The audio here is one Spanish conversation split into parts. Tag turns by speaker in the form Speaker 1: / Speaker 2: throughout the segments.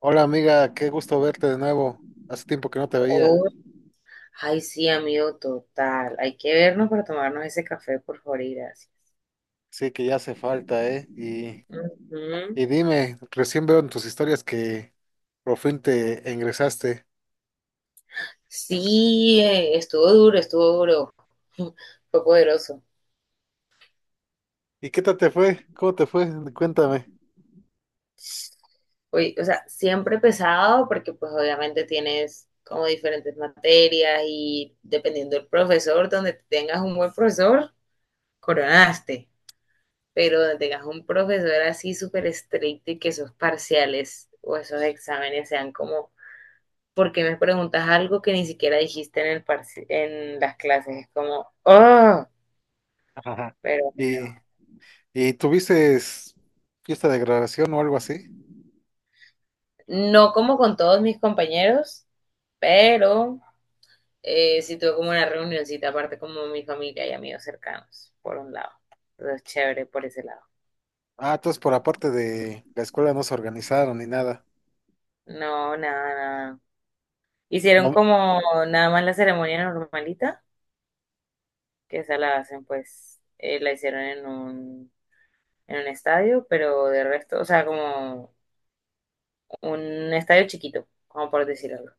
Speaker 1: Hola amiga, qué gusto verte de nuevo. Hace tiempo que no te veía.
Speaker 2: Oh, ay, sí, amigo, total. Hay que vernos para tomarnos ese café, por favor, y gracias.
Speaker 1: Sí, que ya hace falta, ¿eh? Y,
Speaker 2: Ujú.
Speaker 1: y dime, recién veo en tus historias que por fin te ingresaste.
Speaker 2: Sí, estuvo duro, estuvo duro. Fue poderoso.
Speaker 1: ¿Y qué tal te fue? ¿Cómo te fue? Cuéntame.
Speaker 2: Oye, o sea, siempre pesado porque pues obviamente tienes como diferentes materias y dependiendo del profesor, donde tengas un buen profesor, coronaste. Pero donde tengas un profesor así súper estricto y que esos parciales o esos exámenes sean como porque me preguntas algo que ni siquiera dijiste en las clases. Es como, oh,
Speaker 1: Ajá.
Speaker 2: pero bueno.
Speaker 1: ¿Y, y tuviste fiesta de graduación o algo así?
Speaker 2: No como con todos mis compañeros, pero sí tuve como una reunioncita aparte como mi familia y amigos cercanos, por un lado. Entonces, chévere por ese lado.
Speaker 1: Ah, entonces por aparte de la escuela no se organizaron ni nada.
Speaker 2: No, nada, nada. Hicieron
Speaker 1: No,
Speaker 2: como nada más la ceremonia normalita, que esa la hacen pues, la hicieron en un estadio, pero de resto, o sea, como un estadio chiquito, como por decir algo.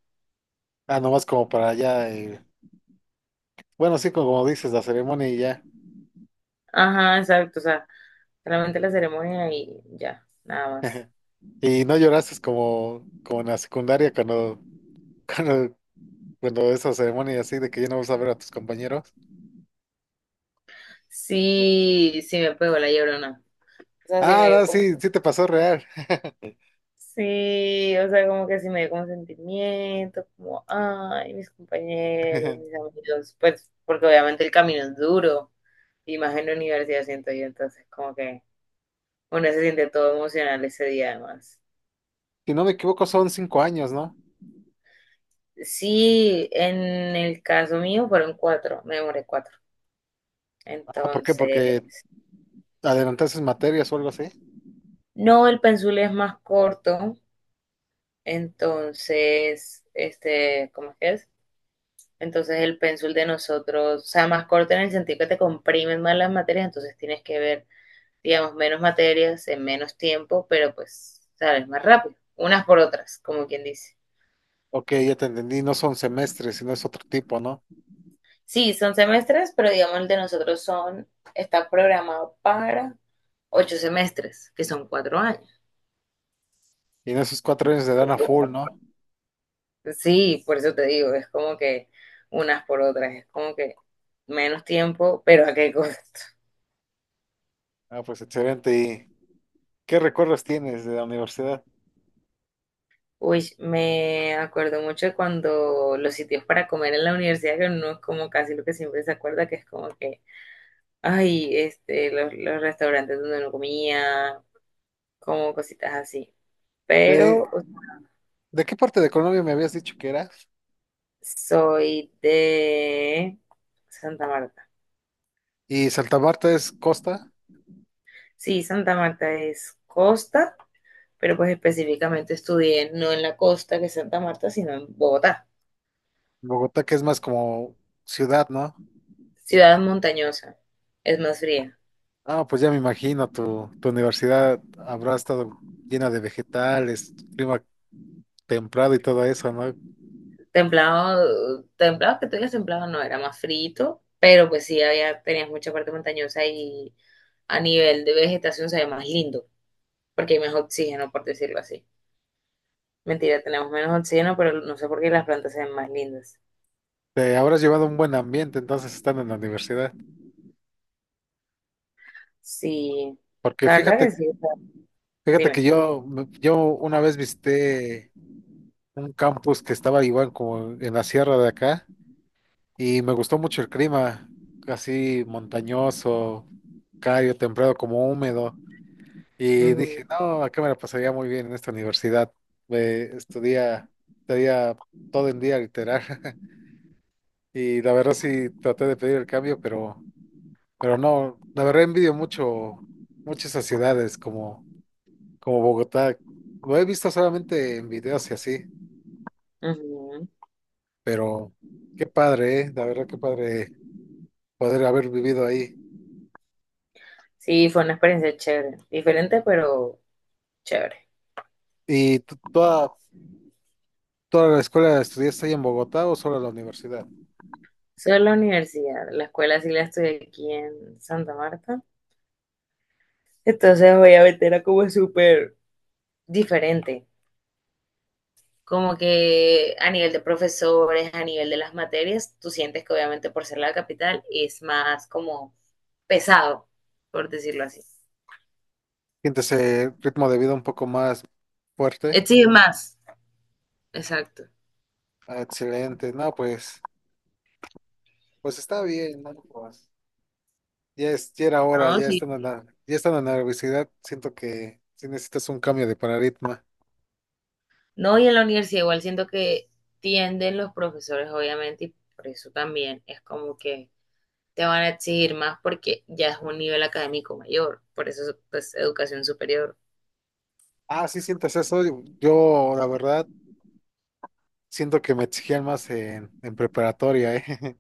Speaker 1: nomás como para allá. Bueno, sí, como dices, la ceremonia y ya.
Speaker 2: Ajá, exacto, o sea, solamente la ceremonia y ya, nada más.
Speaker 1: ¿Y no lloraste como, como en la secundaria cuando, cuando esa ceremonia así de que ya no vas a ver a tus compañeros.
Speaker 2: Sí, sí me pegó la llorona. O sea, sí
Speaker 1: Ah,
Speaker 2: me
Speaker 1: no,
Speaker 2: dio como…
Speaker 1: sí, sí te pasó real.
Speaker 2: Sí, o sea, como que sí me dio como sentimiento, como, ay, mis compañeros, mis amigos, pues, porque obviamente el camino es duro, y más en la universidad siento yo, entonces como que uno se siente todo emocional ese día además.
Speaker 1: Si no me equivoco, son 5 años, ¿no?
Speaker 2: Sí, en el caso mío fueron cuatro, me demoré cuatro.
Speaker 1: Ah, ¿por qué?
Speaker 2: Entonces,
Speaker 1: Porque adelantaste materias o algo así.
Speaker 2: no, el pensul es más corto, entonces, este, ¿cómo es que es? Entonces el pensul de nosotros, o sea, más corto en el sentido que te comprimen más las materias, entonces tienes que ver, digamos, menos materias en menos tiempo, pero pues, sabes, más rápido, unas por otras, como quien dice.
Speaker 1: Ok, ya te entendí, no son semestres, sino es otro tipo, ¿no?
Speaker 2: Sí, son semestres, pero digamos el de nosotros son, está programado para ocho semestres, que son cuatro años.
Speaker 1: Y en esos 4 años te dan a full, ¿no?
Speaker 2: Sí, por eso te digo, es como que unas por otras, es como que menos tiempo, pero a qué costo.
Speaker 1: Ah, pues excelente. ¿Y qué recuerdos tienes de la universidad?
Speaker 2: Uy, me acuerdo mucho de cuando los sitios para comer en la universidad, que no es como casi lo que siempre se acuerda, que es como que, ay, este, los restaurantes donde uno comía, como cositas así. Pero
Speaker 1: ¿De, de qué parte de Colombia me habías dicho que eras?
Speaker 2: soy de Santa Marta.
Speaker 1: Y Santa Marta es costa.
Speaker 2: Sí, Santa Marta es costa. Pero pues específicamente estudié no en la costa, que es Santa Marta, sino en Bogotá.
Speaker 1: Bogotá que es más como ciudad, ¿no?
Speaker 2: Ciudad montañosa, es más fría.
Speaker 1: Ah, pues ya me imagino, tu universidad habrá estado llena de vegetales, clima templado y todo eso, ¿no?
Speaker 2: Templado, templado, que tú digas templado, no, era más frito, pero pues sí había, tenías mucha parte montañosa y a nivel de vegetación se ve más lindo, porque hay más oxígeno, por decirlo así. Mentira, tenemos menos oxígeno, pero no sé por qué las plantas se ven más lindas.
Speaker 1: Te habrás llevado un buen ambiente entonces estando en la universidad.
Speaker 2: Sí,
Speaker 1: Porque
Speaker 2: la verdad
Speaker 1: fíjate,
Speaker 2: que sí, o sea,
Speaker 1: fíjate que
Speaker 2: dime.
Speaker 1: yo, yo una vez visité un campus que estaba igual como en la sierra de acá y me gustó mucho el clima, así montañoso, cálido, templado, como húmedo. Y
Speaker 2: Ujú,
Speaker 1: dije, no, acá me la pasaría muy bien en esta universidad. Eh, estudia, estaría todo el día literal. Y la verdad sí traté de pedir el cambio, pero no, la verdad envidio muchas esas ciudades como Bogotá. Lo he visto solamente en videos y así,
Speaker 2: ujú.
Speaker 1: pero qué padre, la verdad qué padre poder haber vivido ahí.
Speaker 2: Sí, fue una experiencia chévere, diferente, pero chévere.
Speaker 1: ¿Y toda la escuela estudiaste ahí en Bogotá o solo la universidad?
Speaker 2: Solo la universidad, la escuela sí la estoy aquí en Santa Marta. Entonces obviamente era como súper diferente. Como que a nivel de profesores, a nivel de las materias, tú sientes que obviamente por ser la capital es más como pesado, por decirlo así.
Speaker 1: ¿Sientes el ritmo de vida un poco más fuerte?
Speaker 2: Exige más. Exacto.
Speaker 1: Ah, excelente, no, pues, pues está bien, ¿no? Pues, ya es, ya era hora,
Speaker 2: No,
Speaker 1: ya
Speaker 2: sí.
Speaker 1: estando en la, ya estando en la universidad, siento que sí necesitas un cambio de paradigma.
Speaker 2: No, y en la universidad igual siento que tienden los profesores, obviamente, y por eso también es como que te van a exigir más porque ya es un nivel académico mayor, por eso es pues educación superior
Speaker 1: Ah, sí sientes eso, yo, la verdad siento que me exigían más en preparatoria, ¿eh?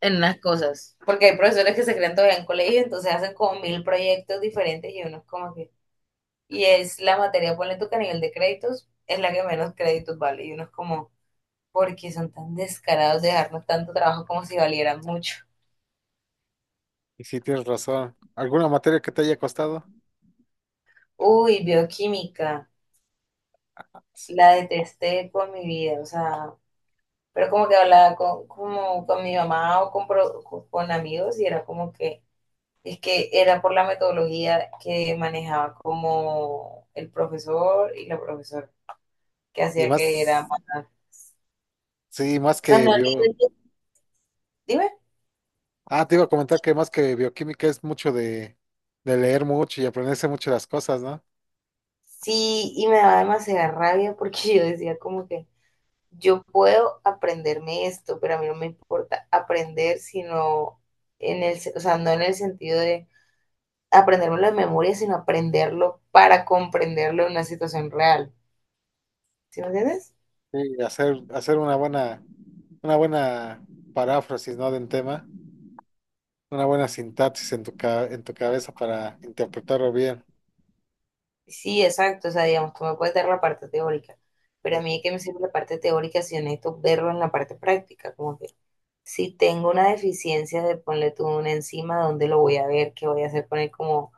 Speaker 2: en las cosas. Porque hay profesores que se creen todavía en colegio, entonces hacen como mil proyectos diferentes y uno es como que… Y es la materia, ponle tú que a nivel de créditos es la que menos créditos vale y uno es como, ¿por qué son tan descarados de dejarnos tanto trabajo como si valieran mucho?
Speaker 1: Y sí tienes razón. ¿Alguna materia que te haya costado?
Speaker 2: Uy, bioquímica, la detesté con mi vida, o sea, pero como que hablaba con, como con mi mamá o con amigos y era como que es que era por la metodología que manejaba como el profesor y la profesora, que
Speaker 1: Y
Speaker 2: hacía que era
Speaker 1: más,
Speaker 2: más…
Speaker 1: sí, más
Speaker 2: O sea,
Speaker 1: que
Speaker 2: no,
Speaker 1: bio.
Speaker 2: dime.
Speaker 1: Ah, te iba a comentar que más que bioquímica es mucho de leer mucho y aprenderse mucho las cosas, ¿no?
Speaker 2: Sí, y me daba demasiada rabia porque yo decía como que yo puedo aprenderme esto, pero a mí no me importa aprender, sino o sea, no en el sentido de aprenderlo de memoria, sino aprenderlo para comprenderlo en una situación real. ¿Sí me entiendes?
Speaker 1: Sí, hacer una buena paráfrasis, ¿no? De un tema, una buena sintaxis en en tu cabeza para interpretarlo bien.
Speaker 2: Sí, exacto, o sea, digamos, tú me puedes dar la parte teórica, pero a
Speaker 1: Eh,
Speaker 2: mí es que me sirve la parte teórica si necesito verlo en la parte práctica, como que si tengo una deficiencia de ponle tú una enzima, ¿dónde lo voy a ver? ¿Qué voy a hacer con él? Como,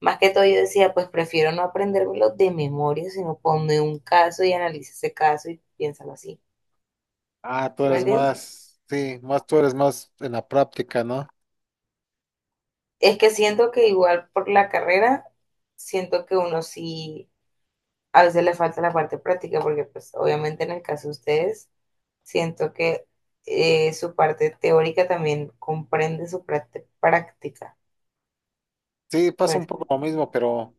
Speaker 2: más que todo yo decía, pues prefiero no aprendérmelo de memoria, sino ponme un caso y analiza ese caso y piénsalo así,
Speaker 1: tú
Speaker 2: ¿sí me
Speaker 1: eres
Speaker 2: entiendes?
Speaker 1: más, sí, más tú eres más en la práctica, ¿no?
Speaker 2: Es que siento que igual por la carrera, siento que uno sí, a veces le falta la parte práctica, porque pues obviamente en el caso de ustedes siento que su parte teórica también comprende su parte práctica.
Speaker 1: Sí, pasa
Speaker 2: Pues,
Speaker 1: un poco lo mismo, pero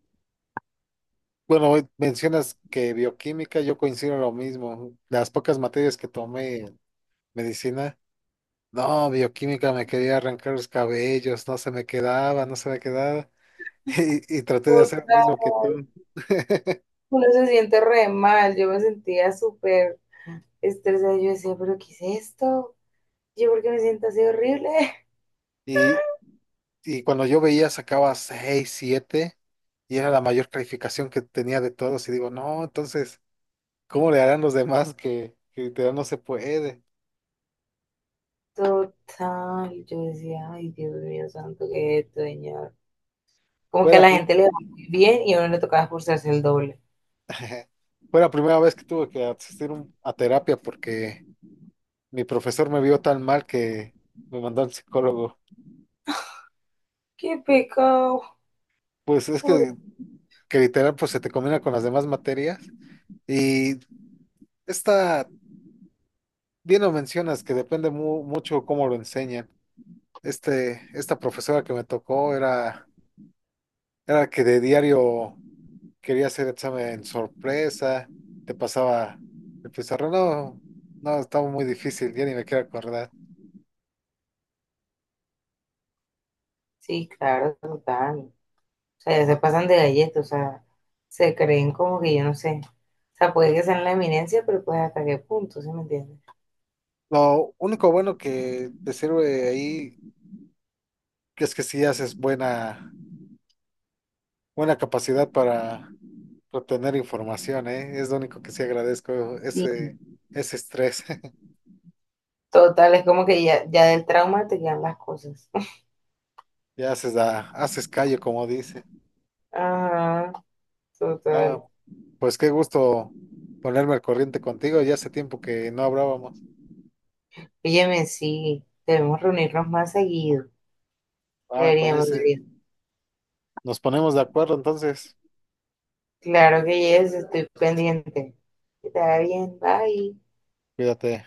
Speaker 1: bueno, hoy mencionas que bioquímica, yo coincido en lo mismo. Las pocas materias que tomé en medicina, no, bioquímica me quería arrancar los cabellos, no se me quedaba, no se me quedaba. Y traté de hacer lo mismo que
Speaker 2: total.
Speaker 1: tú.
Speaker 2: Uno se siente re mal. Yo me sentía súper estresada. Yo decía, ¿pero qué es esto? ¿Yo por qué me siento así horrible?
Speaker 1: Y, y cuando yo veía sacaba 6 7 y era la mayor calificación que tenía de todos y digo, no, entonces, ¿cómo le harán los demás que literal no se puede?
Speaker 2: Total. Yo decía, ay, Dios mío santo, qué es esto, señor. Como
Speaker 1: Fue
Speaker 2: que a
Speaker 1: la,
Speaker 2: la
Speaker 1: prim-
Speaker 2: gente le va muy bien y a uno le tocaba esforzarse el doble.
Speaker 1: fue la primera vez que tuve que asistir a terapia porque mi profesor me vio tan mal que me mandó al psicólogo.
Speaker 2: Qué pecado.
Speaker 1: Pues es
Speaker 2: Pobre.
Speaker 1: que, que literal pues se te combina con las demás materias y esta, bien lo mencionas, que depende mucho cómo lo enseñan. Esta profesora que me tocó era que de diario quería hacer examen sorpresa, te pasaba el pizarrón. No, no, estaba muy difícil, ya ni me quiero acordar.
Speaker 2: Sí, claro, total. O sea, ya se pasan de galletas, o sea, se creen como que yo no sé. O sea, puede que sean la eminencia, pero pues hasta qué punto, ¿sí me entiendes?
Speaker 1: Lo único bueno que te sirve ahí es que si haces buena capacidad para obtener información, ¿eh? Es lo único que sí agradezco,
Speaker 2: Sí.
Speaker 1: ese estrés.
Speaker 2: Total, es como que ya, ya del trauma te quedan las cosas.
Speaker 1: Ya haces callo, como dice.
Speaker 2: Ajá, total.
Speaker 1: Ah, pues qué gusto ponerme al corriente contigo, ya hace tiempo que no hablábamos.
Speaker 2: Óyeme, sí, debemos reunirnos más seguido.
Speaker 1: Ah, me
Speaker 2: Deberíamos,
Speaker 1: parece.
Speaker 2: deberíamos.
Speaker 1: Nos ponemos de acuerdo entonces.
Speaker 2: Claro que yes, estoy pendiente. Que te vaya bien, bye.
Speaker 1: Cuídate.